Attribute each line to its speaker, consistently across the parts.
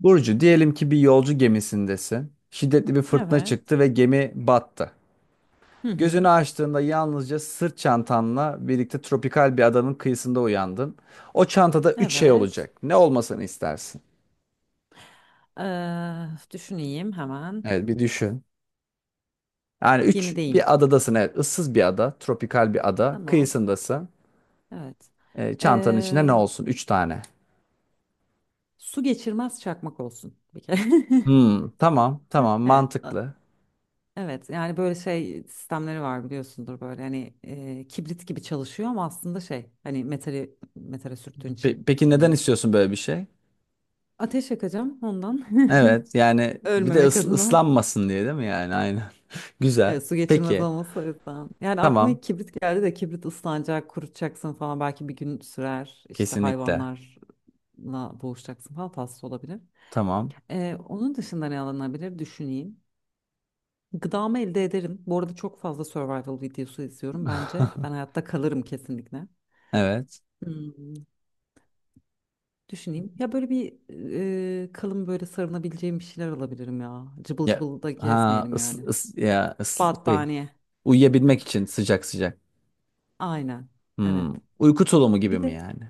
Speaker 1: Burcu, diyelim ki bir yolcu gemisindesin. Şiddetli bir fırtına
Speaker 2: Evet.
Speaker 1: çıktı ve gemi battı.
Speaker 2: Hı
Speaker 1: Gözünü
Speaker 2: hı.
Speaker 1: açtığında yalnızca sırt çantanla birlikte tropikal bir adanın kıyısında uyandın. O çantada üç şey
Speaker 2: Evet.
Speaker 1: olacak. Ne olmasını istersin?
Speaker 2: Düşüneyim hemen.
Speaker 1: Evet, bir düşün. Yani üç
Speaker 2: Gemideyim.
Speaker 1: bir adadasın. Evet, ıssız bir ada, tropikal bir ada.
Speaker 2: Tamam.
Speaker 1: Kıyısındasın.
Speaker 2: Evet.
Speaker 1: Çantanın içinde ne
Speaker 2: Eee,
Speaker 1: olsun? Üç tane.
Speaker 2: Su geçirmez çakmak olsun bir kere.
Speaker 1: Hmm, tamam, tamam,
Speaker 2: Evet.
Speaker 1: mantıklı.
Speaker 2: Evet. Yani böyle şey sistemleri var, biliyorsundur böyle hani kibrit gibi çalışıyor ama aslında şey hani metali metale sürttüğün için
Speaker 1: Peki neden
Speaker 2: yanıyor.
Speaker 1: istiyorsun böyle bir şey?
Speaker 2: Ateş yakacağım ondan
Speaker 1: Evet yani bir de
Speaker 2: ölmemek adına.
Speaker 1: ıslanmasın diye değil mi yani aynen. Güzel.
Speaker 2: Evet, su geçirmez
Speaker 1: Peki.
Speaker 2: olması o yüzden. Yani aklıma
Speaker 1: Tamam.
Speaker 2: ilk kibrit geldi de kibrit ıslanacak, kurutacaksın falan, belki bir gün sürer. İşte
Speaker 1: Kesinlikle.
Speaker 2: hayvanlarla boğuşacaksın falan, tatsız olabilir.
Speaker 1: Tamam.
Speaker 2: Onun dışında ne alınabilir, düşüneyim. Gıdamı elde ederim. Bu arada çok fazla survival videosu izliyorum. Bence ben hayatta kalırım kesinlikle.
Speaker 1: Evet.
Speaker 2: Hmm. Düşüneyim. Ya böyle bir kalın, böyle sarınabileceğim bir şeyler alabilirim ya. Cıbıl
Speaker 1: Ya
Speaker 2: cıbıl da
Speaker 1: ha
Speaker 2: gezmeyelim
Speaker 1: ıs,
Speaker 2: yani.
Speaker 1: ıs- ya ıs- şey,
Speaker 2: Battaniye.
Speaker 1: Uyuyabilmek için sıcak sıcak.
Speaker 2: Aynen. Evet.
Speaker 1: Hmm. Uyku tulumu gibi
Speaker 2: Bir
Speaker 1: mi
Speaker 2: de.
Speaker 1: yani?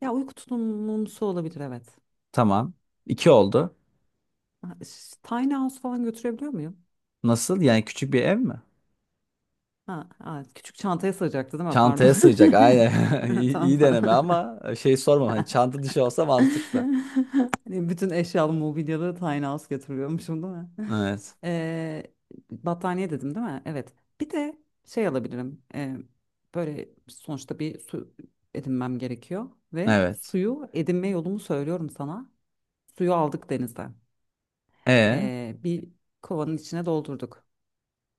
Speaker 2: Ya, uyku tulumumsu olabilir, evet.
Speaker 1: Tamam. İki oldu.
Speaker 2: Ha, Tiny House falan götürebiliyor muyum?
Speaker 1: Nasıl? Yani küçük bir ev mi?
Speaker 2: Ha, ha, küçük çantaya sığacaktı değil mi? Pardon.
Speaker 1: Çantaya sığacak. Aynen. İyi,
Speaker 2: Tamam,
Speaker 1: iyi
Speaker 2: tamam.
Speaker 1: deneme ama şey sormam. Hani çanta dışı olsa mantıklı.
Speaker 2: Hani bütün eşyalı mobilyalı Tiny House getiriyormuşum değil mi?
Speaker 1: Evet.
Speaker 2: Ee, Battaniye dedim değil mi? Evet. Bir de şey alabilirim. Böyle sonuçta bir su edinmem gerekiyor. Ve
Speaker 1: Evet.
Speaker 2: suyu edinme yolumu söylüyorum sana. Suyu aldık denizden.
Speaker 1: E
Speaker 2: Bir kovanın içine doldurduk.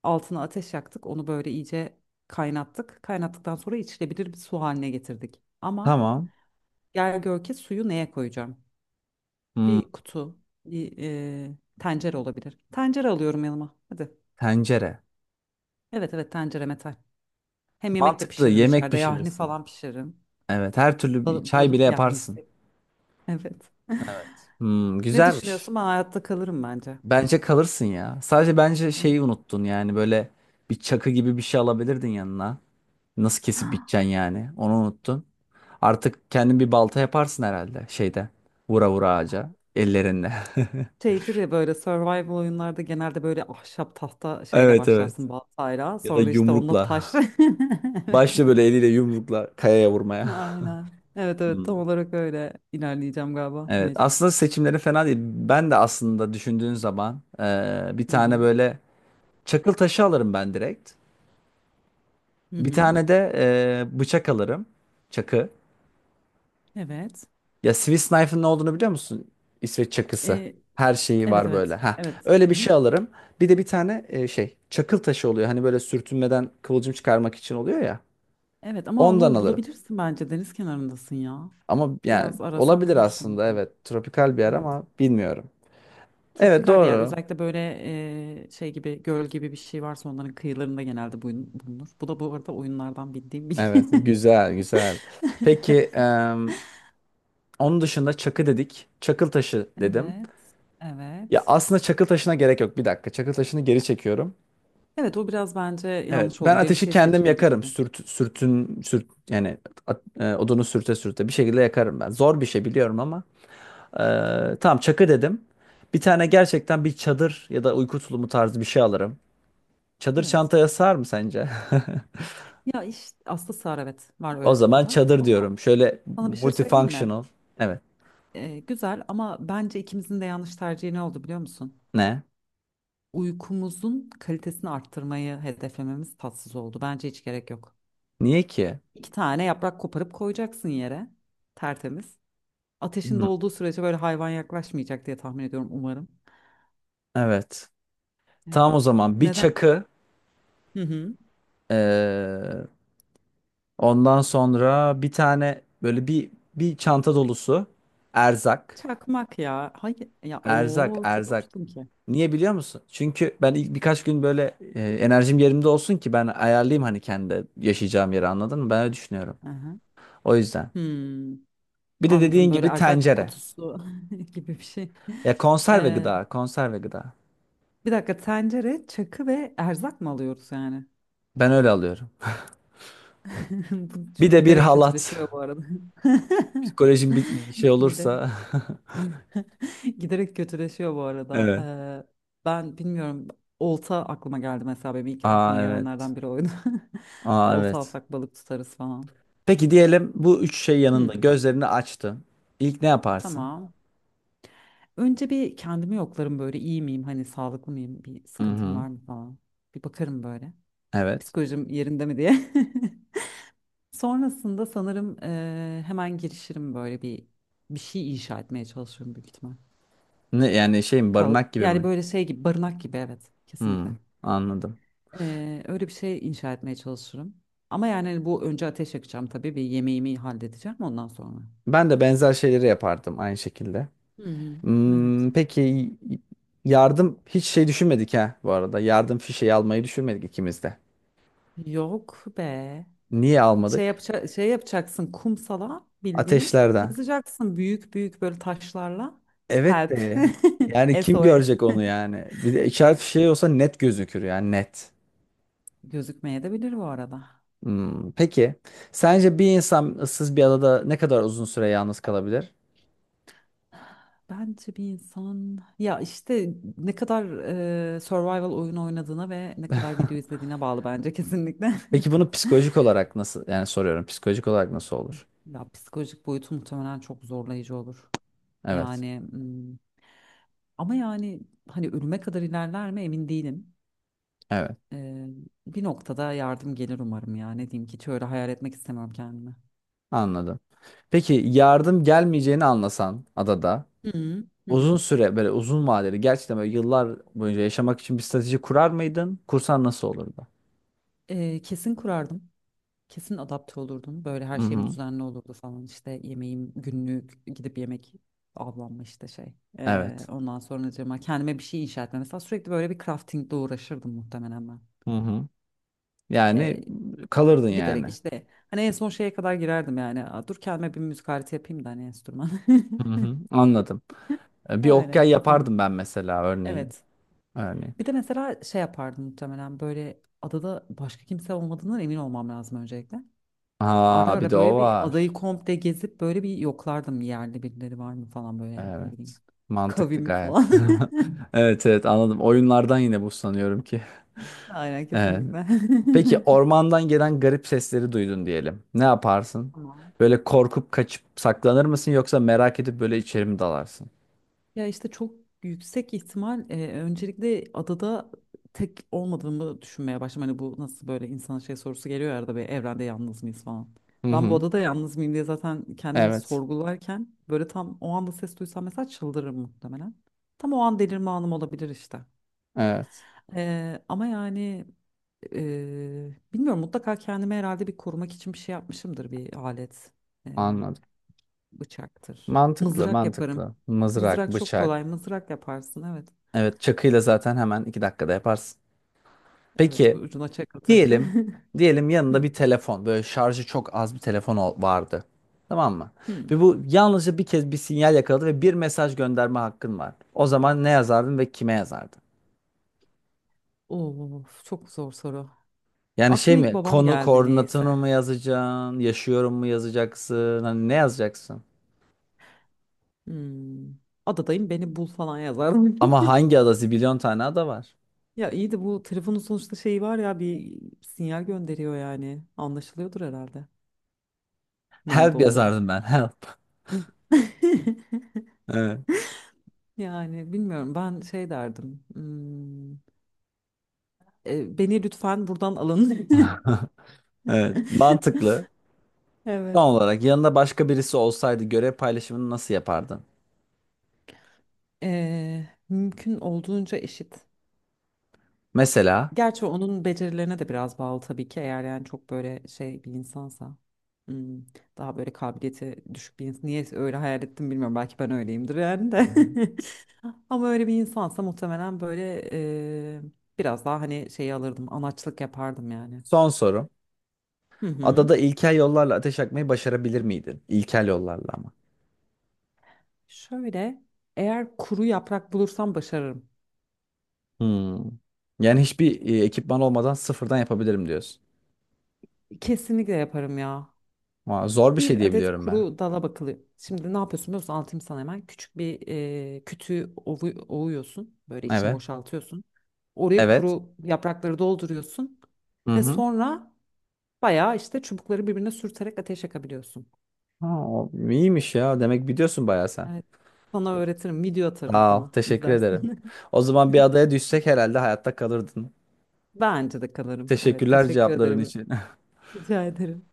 Speaker 2: Altına ateş yaktık. Onu böyle iyice kaynattık. Kaynattıktan sonra içilebilir bir su haline getirdik. Ama
Speaker 1: tamam.
Speaker 2: gel gör ki, suyu neye koyacağım?
Speaker 1: Hmm.
Speaker 2: Bir kutu, bir tencere olabilir. Tencere alıyorum yanıma. Hadi.
Speaker 1: Tencere.
Speaker 2: Evet, evet, tencere metal. Hem yemek de
Speaker 1: Mantıklı.
Speaker 2: pişiririm
Speaker 1: Yemek
Speaker 2: içeride. Yahni
Speaker 1: pişirirsin.
Speaker 2: falan pişiririm.
Speaker 1: Evet, her türlü bir çay bile
Speaker 2: Balık
Speaker 1: yaparsın.
Speaker 2: yahnisi. Evet.
Speaker 1: Evet. Hmm,
Speaker 2: Ne
Speaker 1: güzelmiş.
Speaker 2: düşünüyorsun? Ben hayatta kalırım bence.
Speaker 1: Bence kalırsın ya. Sadece bence şeyi unuttun yani böyle bir çakı gibi bir şey alabilirdin yanına. Nasıl kesip biteceksin yani? Onu unuttun. Artık kendin bir balta yaparsın herhalde şeyde. Vura vura ağaca ellerinle.
Speaker 2: Şeydir ya, böyle survival oyunlarda genelde böyle ahşap tahta şeyle
Speaker 1: Evet evet.
Speaker 2: başlarsın, baltayla.
Speaker 1: Ya da
Speaker 2: Sonra işte onunla
Speaker 1: yumrukla.
Speaker 2: taş.
Speaker 1: Başla böyle eliyle yumrukla kayaya vurmaya.
Speaker 2: Aynen. Evet, evet,
Speaker 1: Hmm.
Speaker 2: tam olarak öyle ilerleyeceğim galiba,
Speaker 1: Evet,
Speaker 2: mecbur.
Speaker 1: aslında seçimleri fena değil. Ben de aslında düşündüğün zaman bir
Speaker 2: Hı
Speaker 1: tane
Speaker 2: hı.
Speaker 1: böyle çakıl taşı alırım ben direkt.
Speaker 2: Hı
Speaker 1: Bir
Speaker 2: hı.
Speaker 1: tane de bıçak alırım. Çakı.
Speaker 2: Evet.
Speaker 1: Ya Swiss Knife'ın ne olduğunu biliyor musun? İsveç çakısı.
Speaker 2: Ee,
Speaker 1: Her şeyi
Speaker 2: evet,
Speaker 1: var böyle.
Speaker 2: evet.
Speaker 1: Ha,
Speaker 2: Evet.
Speaker 1: öyle bir
Speaker 2: Hı hı.
Speaker 1: şey alırım. Bir de bir tane şey çakıl taşı oluyor. Hani böyle sürtünmeden kıvılcım çıkarmak için oluyor ya.
Speaker 2: Evet ama
Speaker 1: Ondan
Speaker 2: onu
Speaker 1: alırım.
Speaker 2: bulabilirsin bence, deniz kenarındasın ya.
Speaker 1: Ama yani
Speaker 2: Biraz arasan
Speaker 1: olabilir
Speaker 2: bulursun
Speaker 1: aslında
Speaker 2: gibi.
Speaker 1: evet. Tropikal bir yer
Speaker 2: Evet.
Speaker 1: ama bilmiyorum. Evet
Speaker 2: Tropikal bir yer.
Speaker 1: doğru.
Speaker 2: Özellikle böyle şey gibi, göl gibi bir şey varsa onların kıyılarında genelde bulunur. Bu da bu arada oyunlardan bildiğim bir.
Speaker 1: Evet, güzel güzel. Peki onun dışında çakı dedik. Çakıl taşı dedim.
Speaker 2: Evet.
Speaker 1: Ya
Speaker 2: Evet.
Speaker 1: aslında çakıl taşına gerek yok. Bir dakika. Çakıl taşını geri çekiyorum.
Speaker 2: Evet, o biraz bence
Speaker 1: Evet,
Speaker 2: yanlış
Speaker 1: ben
Speaker 2: oldu. Benim
Speaker 1: ateşi
Speaker 2: şey
Speaker 1: kendim
Speaker 2: seçimi
Speaker 1: yakarım.
Speaker 2: gibiydi.
Speaker 1: Yani odunu sürte sürte bir şekilde yakarım ben. Zor bir şey biliyorum ama. Tamam çakı dedim. Bir tane gerçekten bir çadır ya da uyku tulumu tarzı bir şey alırım. Çadır
Speaker 2: Evet.
Speaker 1: çantaya sığar mı sence?
Speaker 2: Ya işte aslında sığar, evet, var
Speaker 1: O
Speaker 2: öyle
Speaker 1: zaman
Speaker 2: çadırlar.
Speaker 1: çadır
Speaker 2: Ama
Speaker 1: diyorum. Şöyle
Speaker 2: sana bir şey söyleyeyim mi?
Speaker 1: multifunctional. Evet.
Speaker 2: Güzel, ama bence ikimizin de yanlış tercihi ne oldu biliyor musun?
Speaker 1: Ne?
Speaker 2: Uykumuzun kalitesini arttırmayı hedeflememiz tatsız oldu. Bence hiç gerek yok.
Speaker 1: Niye ki?
Speaker 2: İki tane yaprak koparıp koyacaksın yere, tertemiz. Ateşinde
Speaker 1: Hmm.
Speaker 2: olduğu sürece böyle hayvan yaklaşmayacak diye tahmin ediyorum, umarım.
Speaker 1: Evet. Tamam
Speaker 2: Evet.
Speaker 1: o zaman bir
Speaker 2: Neden?
Speaker 1: çakı
Speaker 2: Hı hı.
Speaker 1: eee, ondan sonra bir tane böyle bir çanta dolusu erzak.
Speaker 2: Çakmak ya. Hayır ya, o çok
Speaker 1: Erzak.
Speaker 2: uçtum ki.
Speaker 1: Niye biliyor musun? Çünkü ben ilk birkaç gün böyle enerjim yerimde olsun ki ben ayarlayayım hani kendi yaşayacağım yeri anladın mı? Ben öyle düşünüyorum.
Speaker 2: Hı hı.
Speaker 1: O yüzden.
Speaker 2: Hmm.
Speaker 1: Bir de
Speaker 2: Anladım,
Speaker 1: dediğin
Speaker 2: böyle
Speaker 1: gibi
Speaker 2: erzak
Speaker 1: tencere.
Speaker 2: kutusu gibi bir şey.
Speaker 1: Ya konserve
Speaker 2: Ee,
Speaker 1: gıda, konserve gıda.
Speaker 2: Bir dakika, tencere, çakı ve erzak mı alıyoruz yani?
Speaker 1: Ben öyle alıyorum.
Speaker 2: Bu
Speaker 1: Bir de bir
Speaker 2: giderek
Speaker 1: halat.
Speaker 2: kötüleşiyor bu arada.
Speaker 1: Psikolojim bir şey
Speaker 2: Gide,
Speaker 1: olursa.
Speaker 2: Giderek kötüleşiyor bu arada.
Speaker 1: Evet.
Speaker 2: Ben bilmiyorum, olta aklıma geldi mesela, benim ilk aklıma
Speaker 1: Aa evet.
Speaker 2: gelenlerden biri oydu.
Speaker 1: Aa
Speaker 2: Olta
Speaker 1: evet.
Speaker 2: alsak balık tutarız falan.
Speaker 1: Peki diyelim bu üç şey yanında
Speaker 2: Hı,
Speaker 1: gözlerini açtın. İlk ne yaparsın?
Speaker 2: tamam. Önce bir kendimi yoklarım, böyle iyi miyim, hani sağlıklı mıyım, bir
Speaker 1: Hı
Speaker 2: sıkıntım
Speaker 1: hı.
Speaker 2: var mı falan. Bir bakarım böyle.
Speaker 1: Evet.
Speaker 2: Psikolojim yerinde mi diye. Sonrasında sanırım hemen girişirim böyle bir şey inşa etmeye çalışıyorum büyük ihtimal.
Speaker 1: Ne yani şey mi
Speaker 2: Kal
Speaker 1: barınak gibi
Speaker 2: yani
Speaker 1: mi?
Speaker 2: böyle şey gibi, barınak gibi, evet, kesinlikle.
Speaker 1: Hı, anladım.
Speaker 2: Öyle bir şey inşa etmeye çalışırım. Ama yani hani bu, önce ateş yakacağım tabii, bir yemeğimi halledeceğim ondan sonra.
Speaker 1: Ben de benzer şeyleri yapardım aynı şekilde.
Speaker 2: Hı hı, evet.
Speaker 1: Hmm, peki yardım hiç şey düşünmedik ha bu arada. Yardım fişeği almayı düşünmedik ikimiz de.
Speaker 2: Yok be.
Speaker 1: Niye
Speaker 2: Şey
Speaker 1: almadık?
Speaker 2: yapaca şey yapacaksın kumsala, bildiğin
Speaker 1: Ateşlerden.
Speaker 2: yazacaksın büyük büyük böyle taşlarla,
Speaker 1: Evet
Speaker 2: help
Speaker 1: de yani kim
Speaker 2: S O
Speaker 1: görecek
Speaker 2: S.
Speaker 1: onu yani? Bir de işaret fişeği olsa net gözükür yani net.
Speaker 2: Gözükmeye de bilir bu arada.
Speaker 1: Hmm, peki sence bir insan ıssız bir adada ne kadar uzun süre yalnız kalabilir?
Speaker 2: Bence bir insan ya işte ne kadar survival oyun oynadığına ve ne kadar video izlediğine bağlı bence kesinlikle.
Speaker 1: Peki bunu psikolojik olarak nasıl yani soruyorum psikolojik olarak nasıl olur?
Speaker 2: Ya psikolojik boyutu muhtemelen çok zorlayıcı olur.
Speaker 1: Evet.
Speaker 2: Yani ama yani hani ölüme kadar ilerler mi emin değilim.
Speaker 1: Evet.
Speaker 2: E, Bir noktada yardım gelir umarım ya. Ne diyeyim ki, hiç öyle hayal etmek istemiyorum kendimi.
Speaker 1: Anladım. Peki yardım gelmeyeceğini anlasan adada
Speaker 2: Hı hı. Hı
Speaker 1: uzun
Speaker 2: hı.
Speaker 1: süre böyle uzun vadeli gerçekten böyle yıllar boyunca yaşamak için bir strateji kurar mıydın? Kursan nasıl olurdu?
Speaker 2: Kesin kurardım. Kesin adapte olurdum. Böyle her
Speaker 1: Hı
Speaker 2: şeyim
Speaker 1: hı.
Speaker 2: düzenli olurdu falan. İşte yemeğim günlük, gidip yemek, avlanma, işte şey.
Speaker 1: Evet.
Speaker 2: Ondan sonracığıma kendime bir şey inşa etme. Mesela sürekli böyle bir craftingle uğraşırdım muhtemelen ben.
Speaker 1: Hı hı. Yani
Speaker 2: Ee,
Speaker 1: kalırdın yani.
Speaker 2: Giderek işte hani en son şeye kadar girerdim yani. Aa, dur kendime bir müzik aleti yapayım da, hani enstrüman.
Speaker 1: Hı hı. Anladım. Bir
Speaker 2: Öyle
Speaker 1: okey
Speaker 2: kafamı.
Speaker 1: yapardım ben mesela örneğin.
Speaker 2: Evet.
Speaker 1: Örneğin.
Speaker 2: Bir de mesela şey yapardım muhtemelen, böyle adada başka kimse olmadığından emin olmam lazım öncelikle. Ara
Speaker 1: Ha bir
Speaker 2: ara
Speaker 1: de o
Speaker 2: böyle bir adayı
Speaker 1: var.
Speaker 2: komple gezip böyle bir yoklardım, yerli birileri var mı falan, böyle ne bileyim.
Speaker 1: Evet. Mantıklı
Speaker 2: Kavim falan.
Speaker 1: gayet. Evet evet anladım. Oyunlardan yine bu sanıyorum ki.
Speaker 2: Aynen,
Speaker 1: Evet.
Speaker 2: kesinlikle.
Speaker 1: Peki ormandan gelen garip sesleri duydun diyelim. Ne yaparsın?
Speaker 2: Tamam.
Speaker 1: Böyle korkup kaçıp saklanır mısın yoksa merak edip böyle içeri mi dalarsın?
Speaker 2: Ya işte çok yüksek ihtimal, öncelikle adada tek olmadığımı düşünmeye başladım. Hani bu nasıl, böyle insan şey sorusu geliyor ya arada, bir evrende yalnız mıyız falan.
Speaker 1: Hı
Speaker 2: Ben bu
Speaker 1: hı.
Speaker 2: odada yalnız mıyım diye zaten kendimi
Speaker 1: Evet.
Speaker 2: sorgularken böyle tam o anda ses duysam mesela, çıldırırım muhtemelen. Tam o an delirme anım olabilir işte.
Speaker 1: Evet.
Speaker 2: Ama yani bilmiyorum, mutlaka kendime herhalde bir korumak için bir şey yapmışımdır, bir alet. Eee,
Speaker 1: Anladım.
Speaker 2: Bıçaktır.
Speaker 1: Mantıklı,
Speaker 2: Mızrak yaparım.
Speaker 1: mantıklı. Mızrak,
Speaker 2: Mızrak çok kolay.
Speaker 1: bıçak.
Speaker 2: Mızrak yaparsın, evet.
Speaker 1: Evet, çakıyla zaten hemen 2 dakikada yaparsın.
Speaker 2: Evet,
Speaker 1: Peki
Speaker 2: ucuna çakıl taşı.
Speaker 1: Diyelim, diyelim yanında
Speaker 2: Hmm,
Speaker 1: bir telefon, böyle şarjı çok az bir telefon vardı. Tamam mı?
Speaker 2: hmm.
Speaker 1: Ve bu yalnızca bir kez bir sinyal yakaladı ve bir mesaj gönderme hakkın var. O zaman ne yazardın ve kime yazardın?
Speaker 2: Of, çok zor soru.
Speaker 1: Yani şey
Speaker 2: Aklıma ilk
Speaker 1: mi?
Speaker 2: babam
Speaker 1: Konu
Speaker 2: geldi
Speaker 1: koordinatını
Speaker 2: niyeyse.
Speaker 1: mı yazacaksın? Yaşıyorum mu yazacaksın? Hani ne yazacaksın?
Speaker 2: Hmm. Adadayım, beni bul falan yazar.
Speaker 1: Ama hangi ada? Zibilyon tane ada var.
Speaker 2: Ya iyi de, bu telefonun sonuçta şeyi var ya, bir sinyal gönderiyor yani. Anlaşılıyordur herhalde. Nerede
Speaker 1: Help
Speaker 2: olduğum.
Speaker 1: yazardım ben. Help. Evet,
Speaker 2: Yani bilmiyorum, ben şey derdim. Beni lütfen buradan alın.
Speaker 1: evet. Mantıklı. Son
Speaker 2: Evet.
Speaker 1: olarak yanında başka birisi olsaydı görev paylaşımını nasıl yapardın?
Speaker 2: Mümkün olduğunca eşit.
Speaker 1: Mesela
Speaker 2: Gerçi onun becerilerine de biraz bağlı tabii ki, eğer yani çok böyle şey bir insansa. hmm, daha böyle kabiliyeti düşük bir insan. Niye öyle hayal ettim bilmiyorum. Belki ben öyleyimdir yani
Speaker 1: Hı
Speaker 2: de.
Speaker 1: hı.
Speaker 2: Ama öyle bir insansa muhtemelen böyle e, biraz daha, hani şeyi alırdım. Anaçlık yapardım yani.
Speaker 1: son sorum.
Speaker 2: Hı hı.
Speaker 1: Adada ilkel yollarla ateş yakmayı başarabilir miydin? İlkel yollarla ama.
Speaker 2: Şöyle, eğer kuru yaprak bulursam başarırım.
Speaker 1: Hmm. Yani hiçbir ekipman olmadan sıfırdan yapabilirim diyorsun.
Speaker 2: Kesinlikle yaparım ya.
Speaker 1: Aa, zor bir şey
Speaker 2: Bir
Speaker 1: diye
Speaker 2: adet
Speaker 1: biliyorum ben.
Speaker 2: kuru dala bakılı. Şimdi ne yapıyorsun biliyor musun? Anlatayım sana hemen. Küçük bir kütüğü ovuyorsun. Böyle içini
Speaker 1: Evet.
Speaker 2: boşaltıyorsun. Oraya
Speaker 1: Evet.
Speaker 2: kuru yaprakları dolduruyorsun.
Speaker 1: Hı
Speaker 2: Ve
Speaker 1: hı.
Speaker 2: sonra bayağı işte çubukları birbirine sürterek ateş yakabiliyorsun.
Speaker 1: Ha, o iyiymiş ya. Demek biliyorsun bayağı sen.
Speaker 2: Evet. Sana öğretirim. Video atarım
Speaker 1: Sağ ol.
Speaker 2: sana.
Speaker 1: Teşekkür ederim.
Speaker 2: İzlersin.
Speaker 1: O zaman bir adaya düşsek herhalde hayatta kalırdın.
Speaker 2: Bence de kalırım. Evet,
Speaker 1: Teşekkürler
Speaker 2: teşekkür
Speaker 1: cevapların
Speaker 2: ederim.
Speaker 1: için.
Speaker 2: Rica ederim.